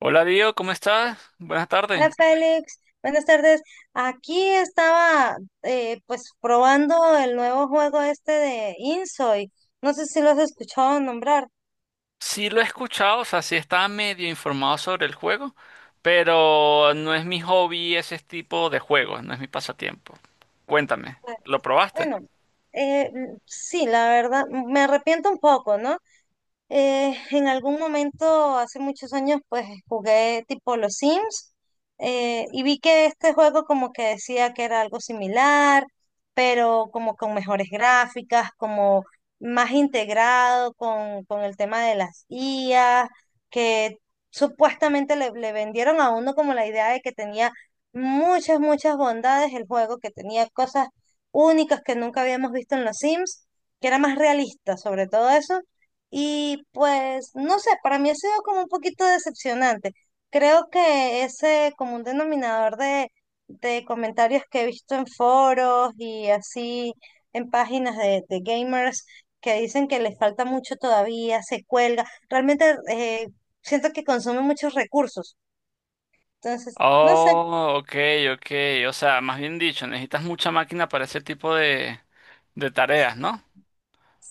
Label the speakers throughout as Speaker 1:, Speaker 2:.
Speaker 1: Hola Dio, ¿cómo estás? Buenas tardes.
Speaker 2: Hola Félix, buenas tardes. Aquí estaba, pues probando el nuevo juego este de Insoy. No sé si lo has escuchado nombrar.
Speaker 1: Sí lo he escuchado, o sea, sí estaba medio informado sobre el juego, pero no es mi hobby ese tipo de juegos, no es mi pasatiempo. Cuéntame,
Speaker 2: Pues,
Speaker 1: ¿lo probaste?
Speaker 2: bueno, sí, la verdad, me arrepiento un poco, ¿no? En algún momento, hace muchos años, pues jugué tipo los Sims, y vi que este juego como que decía que era algo similar, pero como con mejores gráficas, como más integrado con el tema de las IA, que supuestamente le vendieron a uno como la idea de que tenía muchas, muchas bondades el juego, que tenía cosas únicas que nunca habíamos visto en los Sims, que era más realista sobre todo eso y pues, no sé, para mí ha sido como un poquito decepcionante. Creo que ese como un denominador de comentarios que he visto en foros y así en páginas de gamers, que dicen que les falta mucho todavía, se cuelga. Realmente, siento que consume muchos recursos. Entonces, no sé.
Speaker 1: Oh, ok, ok. O sea, más bien dicho, necesitas mucha máquina para ese tipo de tareas, ¿no?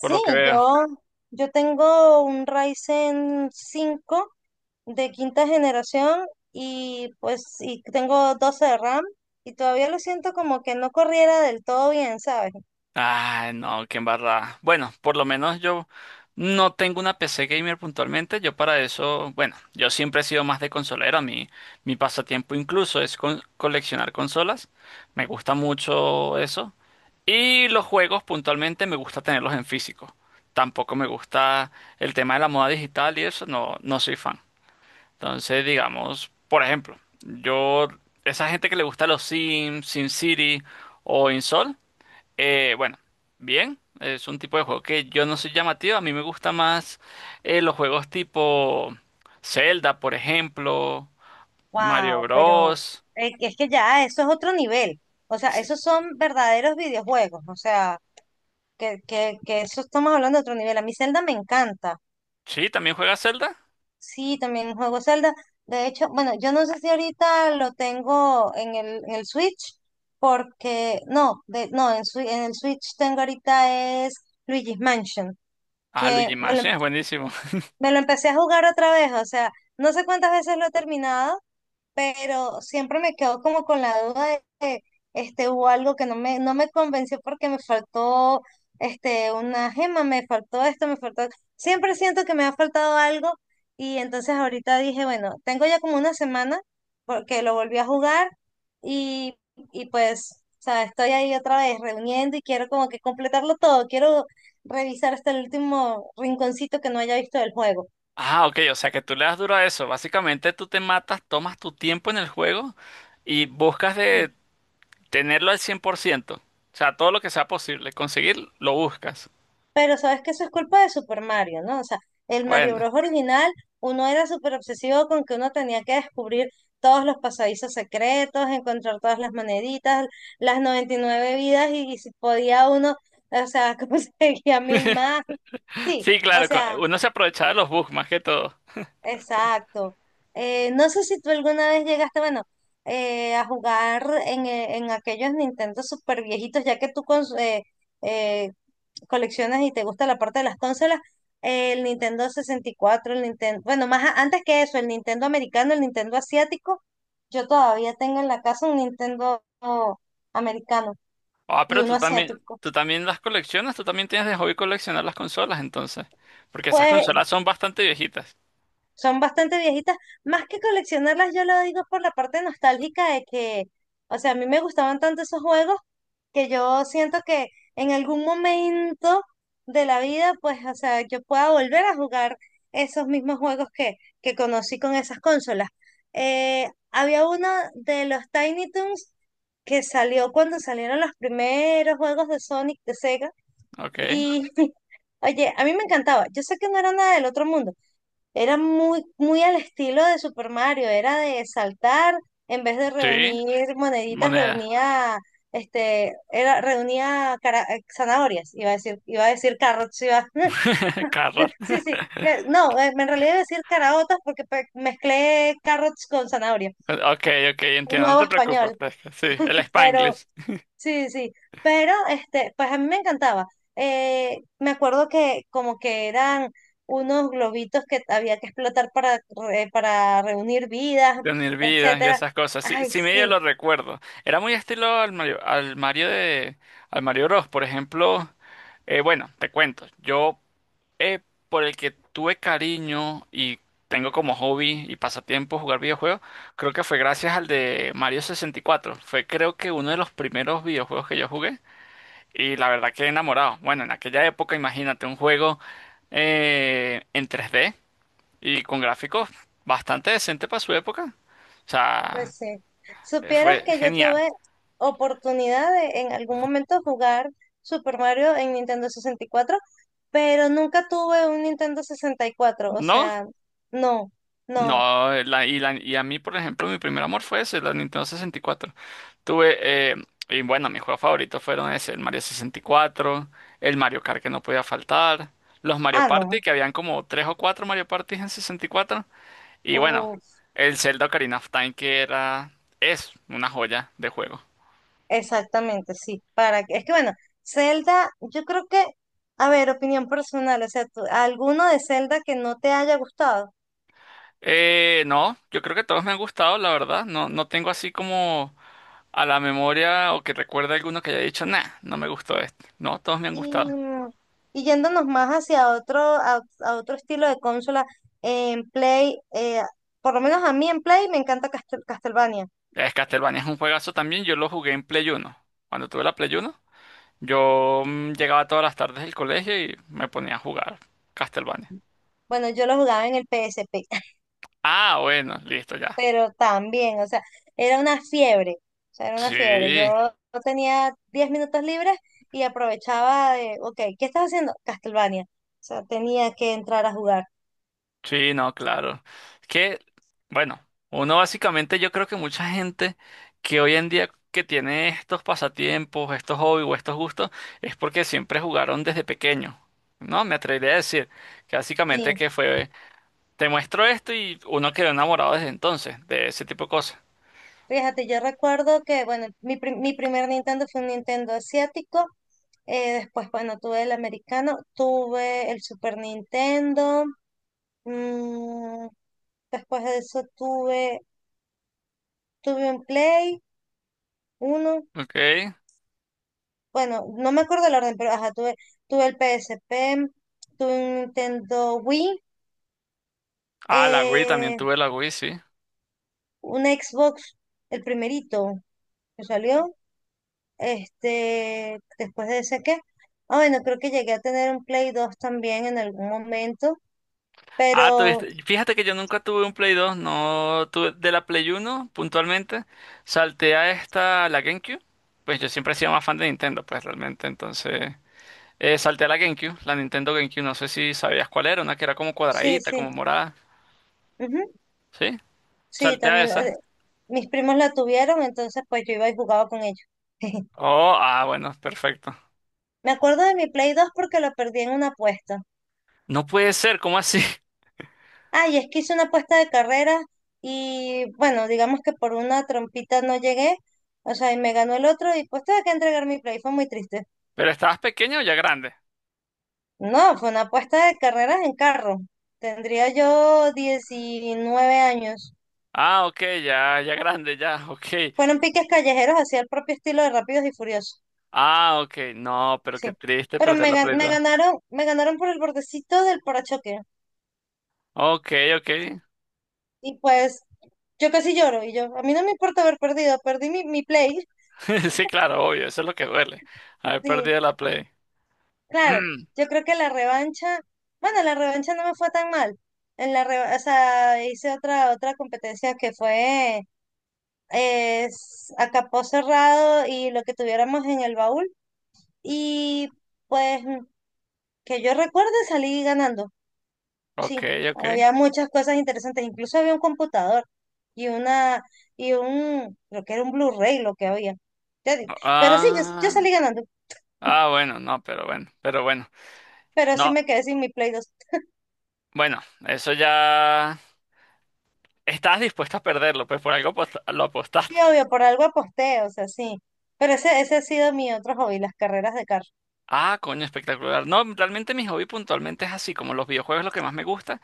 Speaker 1: Por lo que veo.
Speaker 2: yo, yo tengo un Ryzen 5 de quinta generación y pues y tengo 12 de RAM y todavía lo siento como que no corriera del todo bien, ¿sabes?
Speaker 1: Ay, no, qué embarrada. Bueno, por lo menos yo no tengo una PC gamer puntualmente. Yo para eso, bueno, yo siempre he sido más de consolero. A mí, mi pasatiempo incluso es coleccionar consolas. Me gusta mucho eso. Y los juegos puntualmente me gusta tenerlos en físico. Tampoco me gusta el tema de la moda digital y eso, no, no soy fan. Entonces, digamos, por ejemplo, yo, esa gente que le gusta los Sims, SimCity o InSol. Bueno, bien, es un tipo de juego que yo no soy llamativo, a mí me gusta más los juegos tipo Zelda, por ejemplo, Mario
Speaker 2: Wow, pero
Speaker 1: Bros.
Speaker 2: es que ya eso es otro nivel. O sea, esos son verdaderos videojuegos. O sea, que eso estamos hablando de otro nivel. A mí Zelda me encanta.
Speaker 1: Sí, también juega Zelda.
Speaker 2: Sí, también juego Zelda. De hecho, bueno, yo no sé si ahorita lo tengo en el Switch, porque no, de, no, en, Swi- en el Switch tengo ahorita es Luigi's Mansion.
Speaker 1: Ah, Luigi
Speaker 2: Que me lo,
Speaker 1: Mansion es buenísimo.
Speaker 2: me lo empecé a jugar otra vez, o sea, no sé cuántas veces lo he terminado, pero siempre me quedo como con la duda de que hubo algo que no me convenció porque me faltó una gema, me faltó esto, me faltó. Siempre siento que me ha faltado algo y entonces ahorita dije, bueno, tengo ya como una semana porque lo volví a jugar y, y pues, o sea, estoy ahí otra vez reuniendo y quiero como que completarlo todo, quiero revisar hasta el último rinconcito que no haya visto del juego.
Speaker 1: Ah, ok, o sea que tú le das duro a eso. Básicamente tú te matas, tomas tu tiempo en el juego y buscas de tenerlo al 100%. O sea, todo lo que sea posible, conseguir, lo buscas.
Speaker 2: Pero sabes que eso es culpa de Super Mario, ¿no? O sea, el Mario
Speaker 1: Bueno,
Speaker 2: Bros. Original, uno era súper obsesivo con que uno tenía que descubrir todos los pasadizos secretos, encontrar todas las moneditas, las 99 vidas, y si podía uno, o sea, conseguía mil más. Sí,
Speaker 1: sí,
Speaker 2: o
Speaker 1: claro,
Speaker 2: sea,
Speaker 1: uno se aprovecha de los bugs más que todo.
Speaker 2: exacto. No sé si tú alguna vez llegaste, bueno, a jugar en aquellos Nintendo super viejitos, ya que tú con eh, coleccionas y te gusta la parte de las consolas, el Nintendo 64, el Nintendo, bueno, antes que eso, el Nintendo americano, el Nintendo asiático. Yo todavía tengo en la casa un Nintendo americano
Speaker 1: Ah,
Speaker 2: y
Speaker 1: pero
Speaker 2: uno asiático.
Speaker 1: tú también las coleccionas, tú también tienes de hobby coleccionar las consolas, entonces. Porque esas
Speaker 2: Pues
Speaker 1: consolas son bastante viejitas.
Speaker 2: son bastante viejitas. Más que coleccionarlas, yo lo digo por la parte nostálgica de que, o sea, a mí me gustaban tanto esos juegos que yo siento que en algún momento de la vida, pues, o sea, yo pueda volver a jugar esos mismos juegos que conocí con esas consolas. Había uno de los Tiny Toons que salió cuando salieron los primeros juegos de Sonic de Sega
Speaker 1: Ok.
Speaker 2: y, oye, a mí me encantaba. Yo sé que no era nada del otro mundo, era muy, muy al estilo de Super Mario, era de saltar, en vez de
Speaker 1: Sí,
Speaker 2: reunir moneditas,
Speaker 1: moneda.
Speaker 2: reunía, zanahorias. Iba a decir carrots, iba,
Speaker 1: Carros.
Speaker 2: sí, sí, no, en realidad iba a decir caraotas porque mezclé carrots con zanahoria,
Speaker 1: Ok, ok, entiendo, no
Speaker 2: nuevo
Speaker 1: te preocupes,
Speaker 2: español,
Speaker 1: fresca. Sí, el
Speaker 2: pero
Speaker 1: Spanglish,
Speaker 2: sí, sí, pero pues a mí me encantaba. Me acuerdo que como que eran unos globitos que había que explotar para, para reunir vidas,
Speaker 1: de unir vidas y
Speaker 2: etcétera.
Speaker 1: esas cosas. Sí,
Speaker 2: Ay,
Speaker 1: sí medio lo
Speaker 2: sí,
Speaker 1: recuerdo. Era muy estilo al Mario de, al Mario Bros. Por ejemplo, bueno, te cuento. Yo eh, por el que tuve cariño y tengo como hobby y pasatiempo jugar videojuegos, creo que fue gracias al de Mario 64. Fue creo que uno de los primeros videojuegos que yo jugué y la verdad que enamorado. Bueno, en aquella época imagínate un juego en 3D y con gráficos bastante decente para su época. O sea,
Speaker 2: pues sí. Supieras
Speaker 1: fue
Speaker 2: que yo
Speaker 1: genial.
Speaker 2: tuve oportunidad de en algún momento jugar Super Mario en Nintendo 64, pero nunca tuve un Nintendo 64. O
Speaker 1: ¿No?
Speaker 2: sea, no, no,
Speaker 1: No, y a mí, por ejemplo, mi primer amor fue ese, la Nintendo sesenta y cuatro. Tuve, eh, y bueno, mis juegos favoritos fueron ese, el Mario sesenta y cuatro, el Mario Kart que no podía faltar, los Mario Party,
Speaker 2: no.
Speaker 1: que habían como tres o cuatro Mario Party en 64, y cuatro, y bueno,
Speaker 2: Uf.
Speaker 1: el Zelda Ocarina of Time, que era, es una joya de juego.
Speaker 2: Exactamente, sí. Para que, es que bueno, Zelda, yo creo que, a ver, opinión personal, o sea, alguno de Zelda que no te haya gustado.
Speaker 1: No, yo creo que todos me han gustado, la verdad, no, no tengo así como a la memoria o que recuerde alguno que haya dicho, nah, no me gustó este. No, todos me han
Speaker 2: Y,
Speaker 1: gustado.
Speaker 2: y yéndonos más hacia otro, a otro estilo de consola, en Play, por lo menos a mí en Play me encanta Castlevania.
Speaker 1: Es Castlevania es un juegazo también. Yo lo jugué en Play Uno. Cuando tuve la Play Uno, yo llegaba todas las tardes del colegio y me ponía a jugar Castlevania.
Speaker 2: Bueno, yo lo jugaba en el PSP,
Speaker 1: Ah, bueno, listo ya.
Speaker 2: pero también, o sea, era una fiebre, o sea, era una fiebre.
Speaker 1: Sí,
Speaker 2: Yo tenía 10 minutos libres y aprovechaba de, ok, ¿qué estás haciendo? Castlevania. O sea, tenía que entrar a jugar.
Speaker 1: sí, no, claro. Es que, bueno, uno básicamente, yo creo que mucha gente que hoy en día que tiene estos pasatiempos, estos hobbies o estos gustos, es porque siempre jugaron desde pequeño. No, me atrevería a decir que básicamente
Speaker 2: Sí,
Speaker 1: que fue Te muestro esto y uno quedó enamorado desde entonces, de ese tipo de cosas.
Speaker 2: fíjate, yo recuerdo que, bueno, mi primer Nintendo fue un Nintendo asiático. Después, bueno, tuve el americano, tuve el Super Nintendo. mm, Después de eso tuve un Play 1.
Speaker 1: Ok.
Speaker 2: Bueno, no me acuerdo el orden, pero ajá, tuve el P S P, tuve un Nintendo Wii,
Speaker 1: Ah, la Wii, también
Speaker 2: eh,
Speaker 1: tuve la Wii, sí.
Speaker 2: un Xbox, el primerito que salió, después de ese que, bueno, creo que llegué a tener un Play 2 también en algún momento,
Speaker 1: Ah,
Speaker 2: pero
Speaker 1: tuviste. Fíjate que yo nunca tuve un Play 2, no tuve de la Play 1 puntualmente. Salté a esta, la GameCube. Pues yo siempre he sido más fan de Nintendo, pues realmente. Entonces, salté a la GameCube, la Nintendo GameCube, no sé si sabías cuál era, una que era como
Speaker 2: sí,
Speaker 1: cuadradita,
Speaker 2: sí,
Speaker 1: como morada.
Speaker 2: ujú,
Speaker 1: ¿Sí?
Speaker 2: sí,
Speaker 1: Salté a
Speaker 2: también,
Speaker 1: esa.
Speaker 2: mis primos la tuvieron, entonces pues yo iba y jugaba con ellos.
Speaker 1: Oh, ah, bueno, perfecto.
Speaker 2: Me acuerdo de mi Play 2 porque lo perdí en una apuesta.
Speaker 1: No puede ser, ¿cómo así?
Speaker 2: Ay, es que hice una apuesta de carrera y bueno, digamos que por una trompita no llegué, o sea, y me ganó el otro y pues tuve que entregar mi play, fue muy triste.
Speaker 1: ¿Pero estabas pequeño o ya grande?
Speaker 2: No, fue una apuesta de carreras en carro. Tendría yo 19 años.
Speaker 1: Ah, ok, ya, ya grande, ya, ok.
Speaker 2: Fueron piques callejeros hacia el propio estilo de Rápidos y Furiosos,
Speaker 1: Ah, ok, no, pero qué
Speaker 2: sí.
Speaker 1: triste
Speaker 2: Pero
Speaker 1: perder
Speaker 2: me,
Speaker 1: la
Speaker 2: ga-
Speaker 1: Play
Speaker 2: me
Speaker 1: 2.
Speaker 2: ganaron, me ganaron por el bordecito del parachoque.
Speaker 1: Ok, ok.
Speaker 2: Y pues yo casi lloro y yo, a mí no me importa haber perdido, perdí mi play,
Speaker 1: Sí, claro, obvio, eso es lo que duele. Haber
Speaker 2: sí.
Speaker 1: perdido la Play.
Speaker 2: Claro,
Speaker 1: Mm,
Speaker 2: yo creo que la revancha, bueno, la revancha no me fue tan mal. O sea, hice otra competencia que fue a capó cerrado y lo que tuviéramos en el baúl y pues que yo recuerde salí ganando.
Speaker 1: Ok,
Speaker 2: Sí,
Speaker 1: ok.
Speaker 2: había muchas cosas interesantes, incluso había un computador y una y un, creo que era un Blu-ray lo que había. Ya di- Pero sí, yo
Speaker 1: Ah,
Speaker 2: salí ganando,
Speaker 1: ah, bueno, no, pero bueno, pero bueno.
Speaker 2: pero sí
Speaker 1: No,
Speaker 2: me quedé sin mi Play.
Speaker 1: bueno, eso ya... Estás dispuesto a perderlo, pues por algo lo
Speaker 2: Sí,
Speaker 1: apostaste.
Speaker 2: obvio, por algo aposté, o sea, sí. Pero ese ha sido mi otro hobby, las carreras de carro.
Speaker 1: Ah, coño, espectacular. No, realmente mi hobby puntualmente es así, como los videojuegos es lo que más me gusta.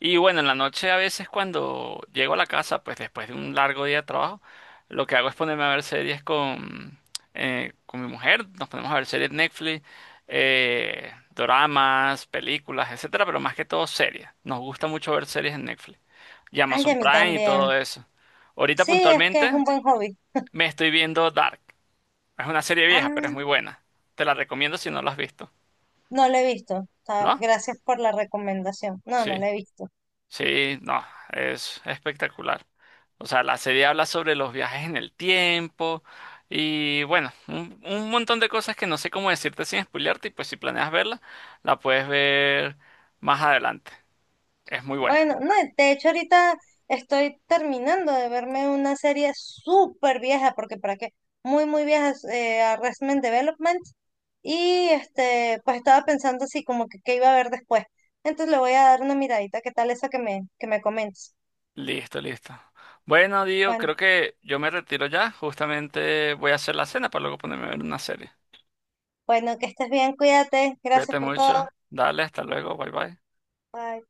Speaker 1: Y bueno, en la noche a veces cuando llego a la casa, pues después de un largo día de trabajo, lo que hago es ponerme a ver series con mi mujer. Nos ponemos a ver series Netflix, doramas, películas, etcétera, pero más que todo series. Nos gusta mucho ver series en Netflix y
Speaker 2: Ay, a
Speaker 1: Amazon
Speaker 2: mí
Speaker 1: Prime y todo
Speaker 2: también.
Speaker 1: eso. Ahorita
Speaker 2: Sí, es que es
Speaker 1: puntualmente
Speaker 2: un buen hobby.
Speaker 1: me estoy viendo Dark. Es una serie vieja, pero es muy
Speaker 2: Ah,
Speaker 1: buena. Te la recomiendo si no la has visto,
Speaker 2: no lo he visto. Ah,
Speaker 1: ¿no?
Speaker 2: gracias por la recomendación. No, no
Speaker 1: Sí.
Speaker 2: lo he visto.
Speaker 1: Sí, no, es espectacular. O sea, la serie habla sobre los viajes en el tiempo y bueno, un montón de cosas que no sé cómo decirte sin spoilearte y pues si planeas verla, la puedes ver más adelante. Es muy buena.
Speaker 2: Bueno, no, de hecho ahorita estoy terminando de verme una serie súper vieja, porque para qué, muy, muy vieja, Arrested Development. Y pues estaba pensando así como que qué iba a ver después. Entonces le voy a dar una miradita. ¿Qué tal esa que me comentas?
Speaker 1: Listo, listo. Bueno, Dio,
Speaker 2: Bueno.
Speaker 1: creo que yo me retiro ya. Justamente voy a hacer la cena para luego ponerme a ver una serie.
Speaker 2: Bueno, que estés bien, cuídate. Gracias
Speaker 1: Cuídate
Speaker 2: por
Speaker 1: mucho.
Speaker 2: todo.
Speaker 1: Dale, hasta luego. Bye bye.
Speaker 2: Bye.